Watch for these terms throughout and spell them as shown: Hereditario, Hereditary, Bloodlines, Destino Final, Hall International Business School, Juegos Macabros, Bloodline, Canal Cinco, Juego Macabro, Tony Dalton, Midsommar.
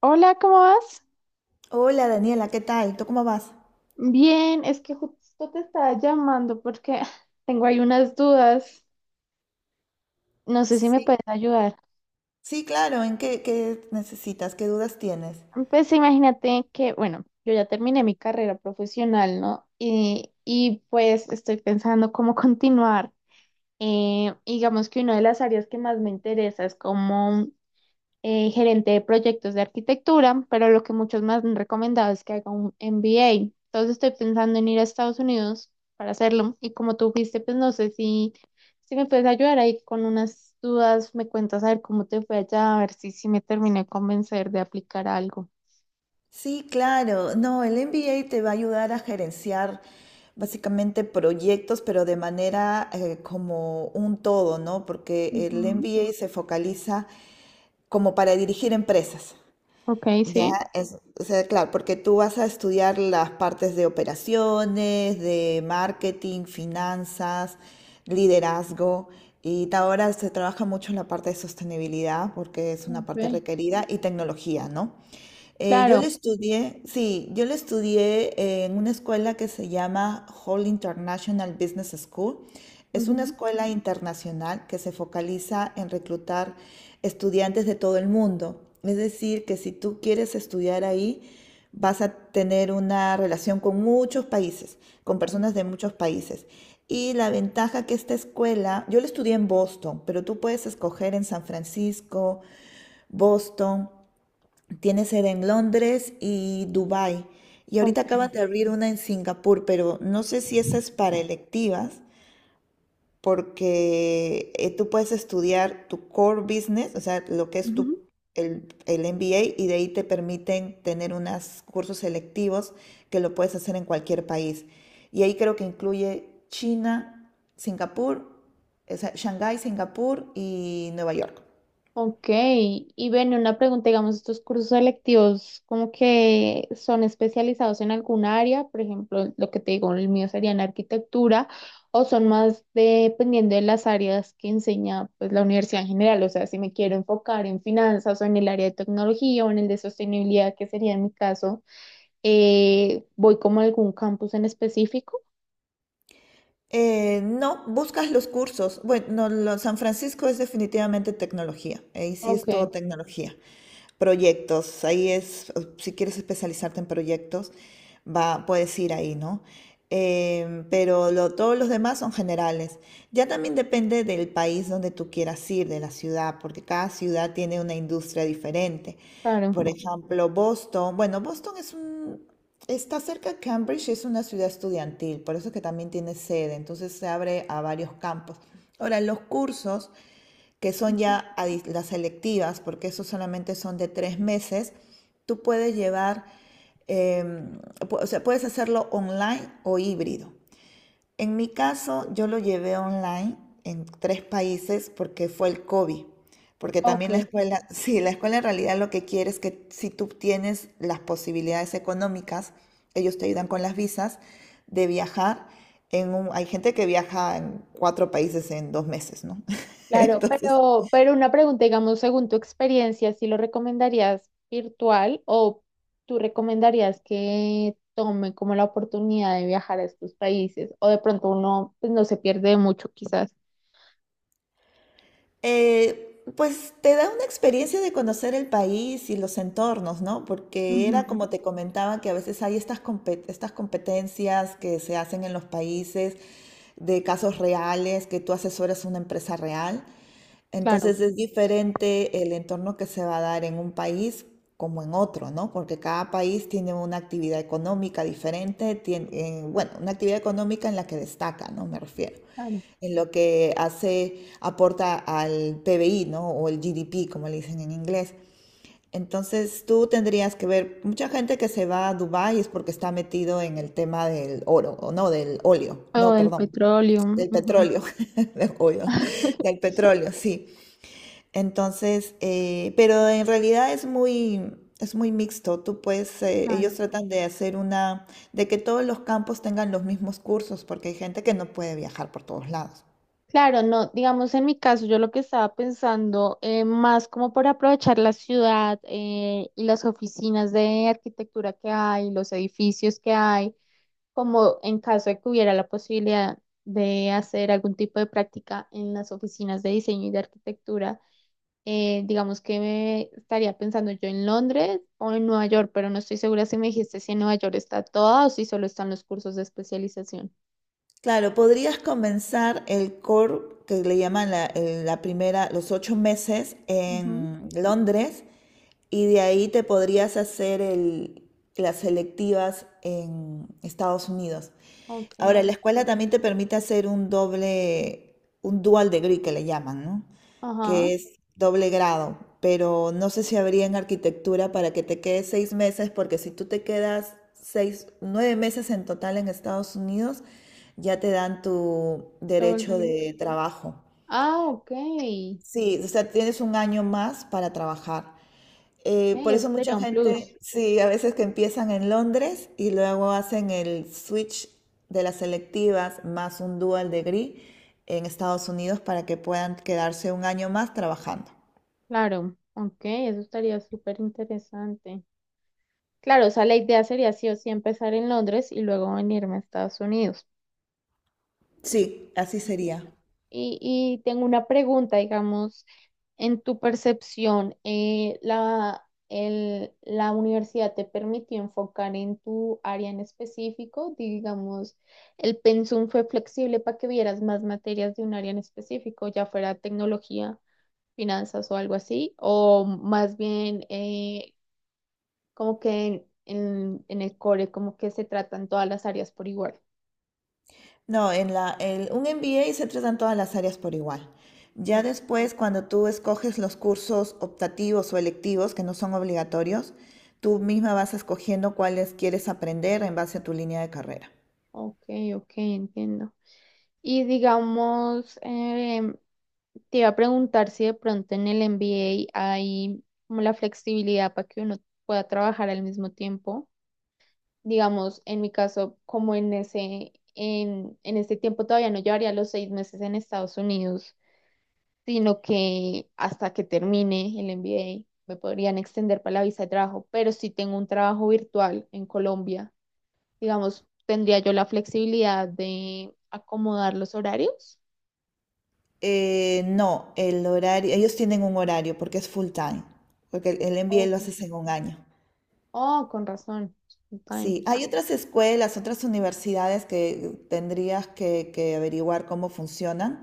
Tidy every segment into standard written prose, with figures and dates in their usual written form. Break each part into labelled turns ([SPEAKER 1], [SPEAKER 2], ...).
[SPEAKER 1] Hola, ¿cómo vas?
[SPEAKER 2] Hola Daniela, ¿qué tal? ¿Tú cómo vas?
[SPEAKER 1] Bien, es que justo te estaba llamando porque tengo ahí unas dudas. No sé si me
[SPEAKER 2] Sí,
[SPEAKER 1] puedes ayudar.
[SPEAKER 2] sí, claro. ¿En qué necesitas? ¿Qué dudas tienes?
[SPEAKER 1] Pues imagínate que, bueno, yo ya terminé mi carrera profesional, ¿no? Pues estoy pensando cómo continuar. Digamos que una de las áreas que más me interesa es como gerente de proyectos de arquitectura, pero lo que muchos me han recomendado es que haga un MBA. Entonces estoy pensando en ir a Estados Unidos para hacerlo y como tú fuiste, pues no sé si me puedes ayudar ahí con unas dudas, me cuentas a ver cómo te fue allá, a ver si me terminé de convencer de aplicar algo.
[SPEAKER 2] Sí, claro. No, el MBA te va a ayudar a gerenciar básicamente proyectos, pero de manera como un todo, ¿no? Porque el
[SPEAKER 1] Ujú.
[SPEAKER 2] MBA se focaliza como para dirigir empresas.
[SPEAKER 1] Ok,
[SPEAKER 2] Ya,
[SPEAKER 1] sí,
[SPEAKER 2] es, o sea, claro, porque tú vas a estudiar las partes de operaciones, de marketing, finanzas, liderazgo, y ahora se trabaja mucho en la parte de sostenibilidad porque es una
[SPEAKER 1] ok,
[SPEAKER 2] parte requerida y tecnología, ¿no? Yo le
[SPEAKER 1] claro.
[SPEAKER 2] estudié, sí, yo le estudié en una escuela que se llama Hall International Business School. Es una
[SPEAKER 1] Ujú.
[SPEAKER 2] escuela internacional que se focaliza en reclutar estudiantes de todo el mundo. Es decir, que si tú quieres estudiar ahí, vas a tener una relación con muchos países, con personas de muchos países. Y la ventaja que esta escuela, yo la estudié en Boston, pero tú puedes escoger en San Francisco, Boston. Tiene sede en Londres y Dubái. Y
[SPEAKER 1] Ok.
[SPEAKER 2] ahorita acaban de abrir una en Singapur, pero no sé si esa es para electivas, porque tú puedes estudiar tu core business, o sea, lo que es tu,
[SPEAKER 1] Ujú.
[SPEAKER 2] el, el MBA, y de ahí te permiten tener unos cursos selectivos que lo puedes hacer en cualquier país. Y ahí creo que incluye China, Singapur, o sea, Shanghái, Singapur y Nueva York.
[SPEAKER 1] Ok, y bueno, una pregunta, digamos, estos cursos selectivos, ¿como que son especializados en alguna área? Por ejemplo, lo que te digo, el mío sería en arquitectura, o son más dependiendo de las áreas que enseña pues la universidad en general, o sea, si me quiero enfocar en finanzas o en el área de tecnología o en el de sostenibilidad, que sería en mi caso, voy como a algún campus en específico.
[SPEAKER 2] No, buscas los cursos. Bueno, no, lo- San Francisco es definitivamente tecnología. Ahí sí
[SPEAKER 1] Ok,
[SPEAKER 2] es todo tecnología. Proyectos, ahí es, si quieres especializarte en proyectos, va, puedes ir ahí, ¿no? Todos los demás son generales. Ya también depende del país donde tú quieras ir, de la ciudad, porque cada ciudad tiene una industria diferente.
[SPEAKER 1] claro.
[SPEAKER 2] Por ejemplo, Boston, bueno, está cerca de Cambridge, es una ciudad estudiantil, por eso que también tiene sede, entonces se abre a varios campos. Ahora, los cursos que son
[SPEAKER 1] Ujú.
[SPEAKER 2] ya las selectivas, porque esos solamente son de tres meses, tú puedes llevar, eh, o sea, puedes hacerlo online o híbrido. En mi caso, yo lo llevé online en tres países porque fue el COVID. Porque también la
[SPEAKER 1] Ok.
[SPEAKER 2] escuela, sí, la escuela en realidad lo que quiere es que si tú tienes las posibilidades económicas, ellos te ayudan con las visas, de viajar hay gente que viaja en cuatro países en dos meses, ¿no?
[SPEAKER 1] Claro,
[SPEAKER 2] Entonces,
[SPEAKER 1] pero una pregunta, digamos, según tu experiencia, ¿si lo recomendarías virtual o tú recomendarías que tome como la oportunidad de viajar a estos países? O de pronto uno pues, no se pierde mucho, quizás.
[SPEAKER 2] Eh, pues te da una experiencia de conocer el país y los entornos, ¿no? Porque
[SPEAKER 1] Ujú.
[SPEAKER 2] era como te comentaba que a veces hay estas competencias que se hacen en los países de casos reales, que tú asesoras una empresa real.
[SPEAKER 1] Claro,
[SPEAKER 2] Entonces es diferente el entorno que se va a dar en un país como en otro, ¿no? Porque cada país tiene una actividad económica diferente, una actividad económica en la que destaca, ¿no? Me refiero.
[SPEAKER 1] claro.
[SPEAKER 2] En lo que hace, aporta al PBI, ¿no? O el GDP, como le dicen en inglés. Entonces tú tendrías que ver, mucha gente que se va a Dubái es porque está metido en el tema del oro, o no, del óleo,
[SPEAKER 1] O
[SPEAKER 2] no,
[SPEAKER 1] del
[SPEAKER 2] perdón,
[SPEAKER 1] petróleo.
[SPEAKER 2] del
[SPEAKER 1] Ujú.
[SPEAKER 2] petróleo, del óleo, del petróleo, sí. Pero en realidad es muy mixto. Tú puedes, ellos
[SPEAKER 1] Claro.
[SPEAKER 2] tratan de hacer una, de que todos los campos tengan los mismos cursos, porque hay gente que no puede viajar por todos lados.
[SPEAKER 1] Claro, no, digamos en mi caso, yo lo que estaba pensando más como por aprovechar la ciudad y las oficinas de arquitectura que hay, los edificios que hay, como en caso de que hubiera la posibilidad de hacer algún tipo de práctica en las oficinas de diseño y de arquitectura, digamos que me estaría pensando yo en Londres o en Nueva York, pero no estoy segura si me dijiste si en Nueva York está toda o si solo están los cursos de especialización.
[SPEAKER 2] Claro, podrías comenzar el core que le llaman la primera, los 8 meses
[SPEAKER 1] Ujú.
[SPEAKER 2] en Londres y de ahí te podrías hacer el- las selectivas en Estados Unidos.
[SPEAKER 1] Ok,
[SPEAKER 2] Ahora, la escuela también te permite hacer un doble, un dual degree que le llaman, ¿no?
[SPEAKER 1] ajá.
[SPEAKER 2] Que es doble grado, pero no sé si habría en arquitectura para que te quedes 6 meses, porque si tú te quedas 6, 9 meses en total en Estados Unidos, ya te dan tu
[SPEAKER 1] Todo el
[SPEAKER 2] derecho
[SPEAKER 1] negro.
[SPEAKER 2] de trabajo.
[SPEAKER 1] Ah, ok. Ok,
[SPEAKER 2] Sí, o sea, tienes un año más para trabajar. Por eso
[SPEAKER 1] eso
[SPEAKER 2] mucha
[SPEAKER 1] sería un plus.
[SPEAKER 2] gente, sí, a veces que empiezan en Londres y luego hacen el switch de las selectivas más un dual degree en Estados Unidos para que puedan quedarse un año más trabajando.
[SPEAKER 1] Claro, ok, eso estaría súper interesante. Claro, o sea, la idea sería sí o sí empezar en Londres y luego venirme a Estados Unidos.
[SPEAKER 2] Sí, así
[SPEAKER 1] Ya.
[SPEAKER 2] sería.
[SPEAKER 1] Y tengo una pregunta, digamos, en tu percepción, la universidad te permitió enfocar en tu área en específico, digamos, el pensum fue flexible para que vieras más materias de un área en específico, ya fuera tecnología, finanzas o algo así, o más bien como que en el core, como que se tratan todas las áreas por igual.
[SPEAKER 2] No, en un MBA se tratan todas las áreas por igual. Ya
[SPEAKER 1] O-
[SPEAKER 2] después, cuando tú escoges los cursos optativos o electivos, que no son obligatorios, tú misma vas escogiendo cuáles quieres aprender en base a tu línea de carrera.
[SPEAKER 1] ok, ok, entiendo. Y digamos, te iba a preguntar si de pronto en el MBA hay como la flexibilidad para que uno pueda trabajar al mismo tiempo. Digamos, en mi caso, como en este tiempo todavía no llevaría los seis meses en Estados Unidos, sino que hasta que termine el MBA me podrían extender para la visa de trabajo, pero si tengo un trabajo virtual en Colombia, digamos, tendría yo la flexibilidad de acomodar los horarios.
[SPEAKER 2] No, el horario, ellos tienen un horario porque es full time, porque el MBA
[SPEAKER 1] Ok.
[SPEAKER 2] lo haces en un año.
[SPEAKER 1] Oh, con razón. Time.
[SPEAKER 2] Sí, hay otras escuelas, otras universidades que tendrías que averiguar cómo funcionan.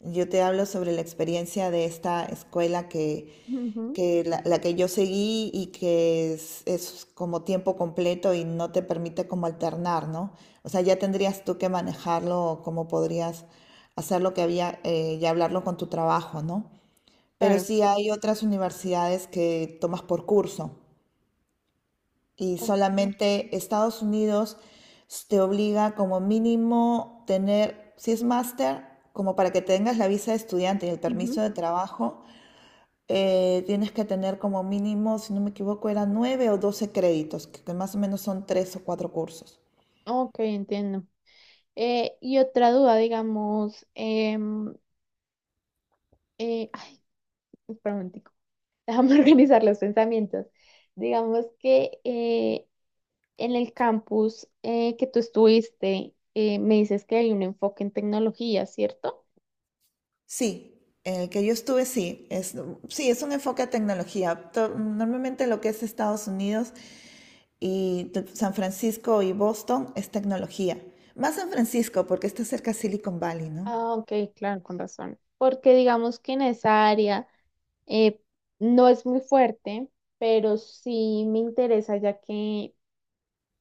[SPEAKER 2] Yo te hablo sobre la experiencia de esta escuela
[SPEAKER 1] Ujú.
[SPEAKER 2] que la que yo seguí y que es como tiempo completo y no te permite como alternar, ¿no? O sea, ya tendrías tú que manejarlo, cómo podrías hacer lo que había y hablarlo con tu trabajo, ¿no? Pero
[SPEAKER 1] Claro.
[SPEAKER 2] sí hay otras universidades que tomas por curso y
[SPEAKER 1] Ok,
[SPEAKER 2] solamente Estados Unidos te obliga como mínimo tener, si es máster, como para que tengas la visa de estudiante y el
[SPEAKER 1] ujú.
[SPEAKER 2] permiso de trabajo, tienes que tener como mínimo, si no me equivoco, eran 9 o 12 créditos, que más o menos son tres o cuatro cursos.
[SPEAKER 1] Ok, entiendo. Y otra duda, digamos, ay, espera un momentico. Déjame organizar los pensamientos. Digamos que en el campus que tú estuviste, me dices que hay un enfoque en tecnología, ¿cierto?
[SPEAKER 2] Sí, en el que yo estuve, sí, sí, es un enfoque a tecnología. Normalmente lo que es Estados Unidos y San Francisco y Boston es tecnología. Más San Francisco porque está cerca de Silicon Valley, ¿no?
[SPEAKER 1] Ah, ok, claro, con razón. Porque digamos que en esa área eh, no es muy fuerte, pero sí me interesa ya que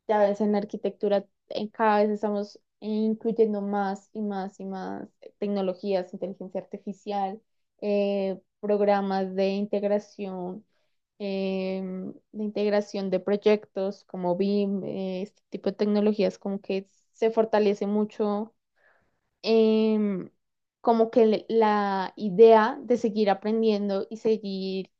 [SPEAKER 1] ya ves en la arquitectura cada vez estamos incluyendo más y más y más tecnologías, inteligencia artificial, programas de integración, de integración de proyectos como BIM, este tipo de tecnologías como que se fortalece mucho em, la idea de seguir aprendiendo y seguir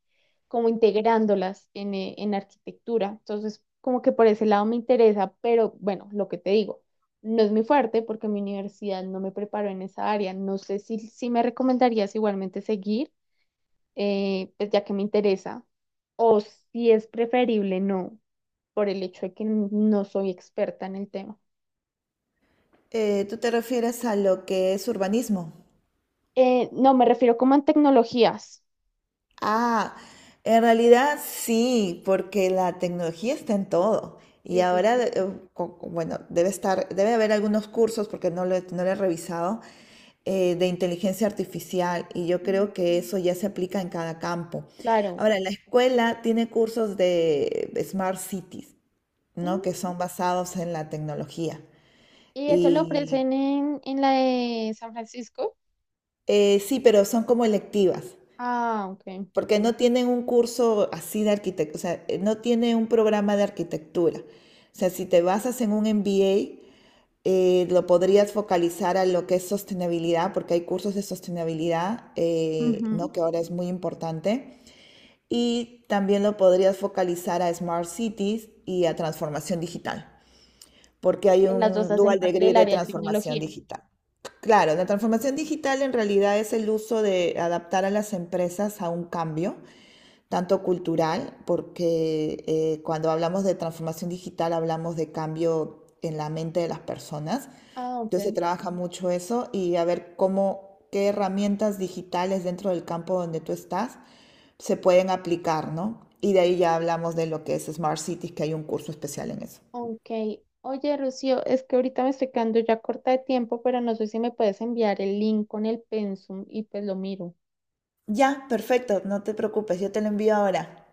[SPEAKER 1] como integrándolas en arquitectura. Entonces, como que por ese lado me interesa, pero bueno, lo que te digo, no es muy fuerte porque mi universidad no me preparó en esa área. No sé si me recomendarías igualmente seguir, pues ya que me interesa, o si es preferible no, por el hecho de que no soy experta en el tema.
[SPEAKER 2] ¿Tú te refieres a lo que es urbanismo?
[SPEAKER 1] No, me refiero como en tecnologías.
[SPEAKER 2] Ah, en realidad sí, porque la tecnología está en todo. Y
[SPEAKER 1] Sí, sí,
[SPEAKER 2] ahora,
[SPEAKER 1] sí.
[SPEAKER 2] bueno, debe estar, debe haber algunos cursos, porque no lo he revisado, de inteligencia artificial. Y yo
[SPEAKER 1] Mm.
[SPEAKER 2] creo que eso ya se aplica en cada campo.
[SPEAKER 1] Claro.
[SPEAKER 2] Ahora, la escuela tiene cursos de Smart Cities. ¿No? Que
[SPEAKER 1] Mm.
[SPEAKER 2] son basados en la tecnología.
[SPEAKER 1] Y eso lo
[SPEAKER 2] Y
[SPEAKER 1] ofrecen en la de San Francisco.
[SPEAKER 2] sí, pero son como electivas,
[SPEAKER 1] Ah, ok.
[SPEAKER 2] porque no tienen un curso así de arquitectura, o sea, no tiene un programa de arquitectura. O sea, si te basas en un MBA, lo podrías focalizar a lo que es sostenibilidad, porque hay cursos de sostenibilidad,
[SPEAKER 1] Ujú.
[SPEAKER 2] ¿no? Que ahora es muy importante. Y también lo podrías focalizar a Smart Cities y a transformación digital. Porque hay
[SPEAKER 1] Que las dos
[SPEAKER 2] un
[SPEAKER 1] hacen
[SPEAKER 2] dual
[SPEAKER 1] parte
[SPEAKER 2] degree
[SPEAKER 1] del
[SPEAKER 2] de
[SPEAKER 1] área de
[SPEAKER 2] transformación
[SPEAKER 1] tecnología. Ok.
[SPEAKER 2] digital. Claro, la transformación digital en realidad es el uso de adaptar a las empresas a un cambio, tanto cultural, porque cuando hablamos de transformación digital hablamos de cambio en la mente de las personas.
[SPEAKER 1] Ah,
[SPEAKER 2] Entonces se
[SPEAKER 1] ok.
[SPEAKER 2] trabaja mucho eso y a ver cómo, qué herramientas digitales dentro del campo donde tú estás se pueden aplicar, ¿no? Y de ahí ya hablamos de lo que es Smart Cities, que hay un curso especial en eso.
[SPEAKER 1] Ok. Oye, Rocío, es que ahorita me estoy quedando ya corta de tiempo, pero no sé si me puedes enviar el link con el pensum y pues lo miro.
[SPEAKER 2] Ya, perfecto, no te preocupes, yo te lo envío ahora.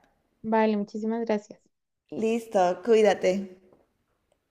[SPEAKER 1] Vale, muchísimas gracias.
[SPEAKER 2] Listo, cuídate.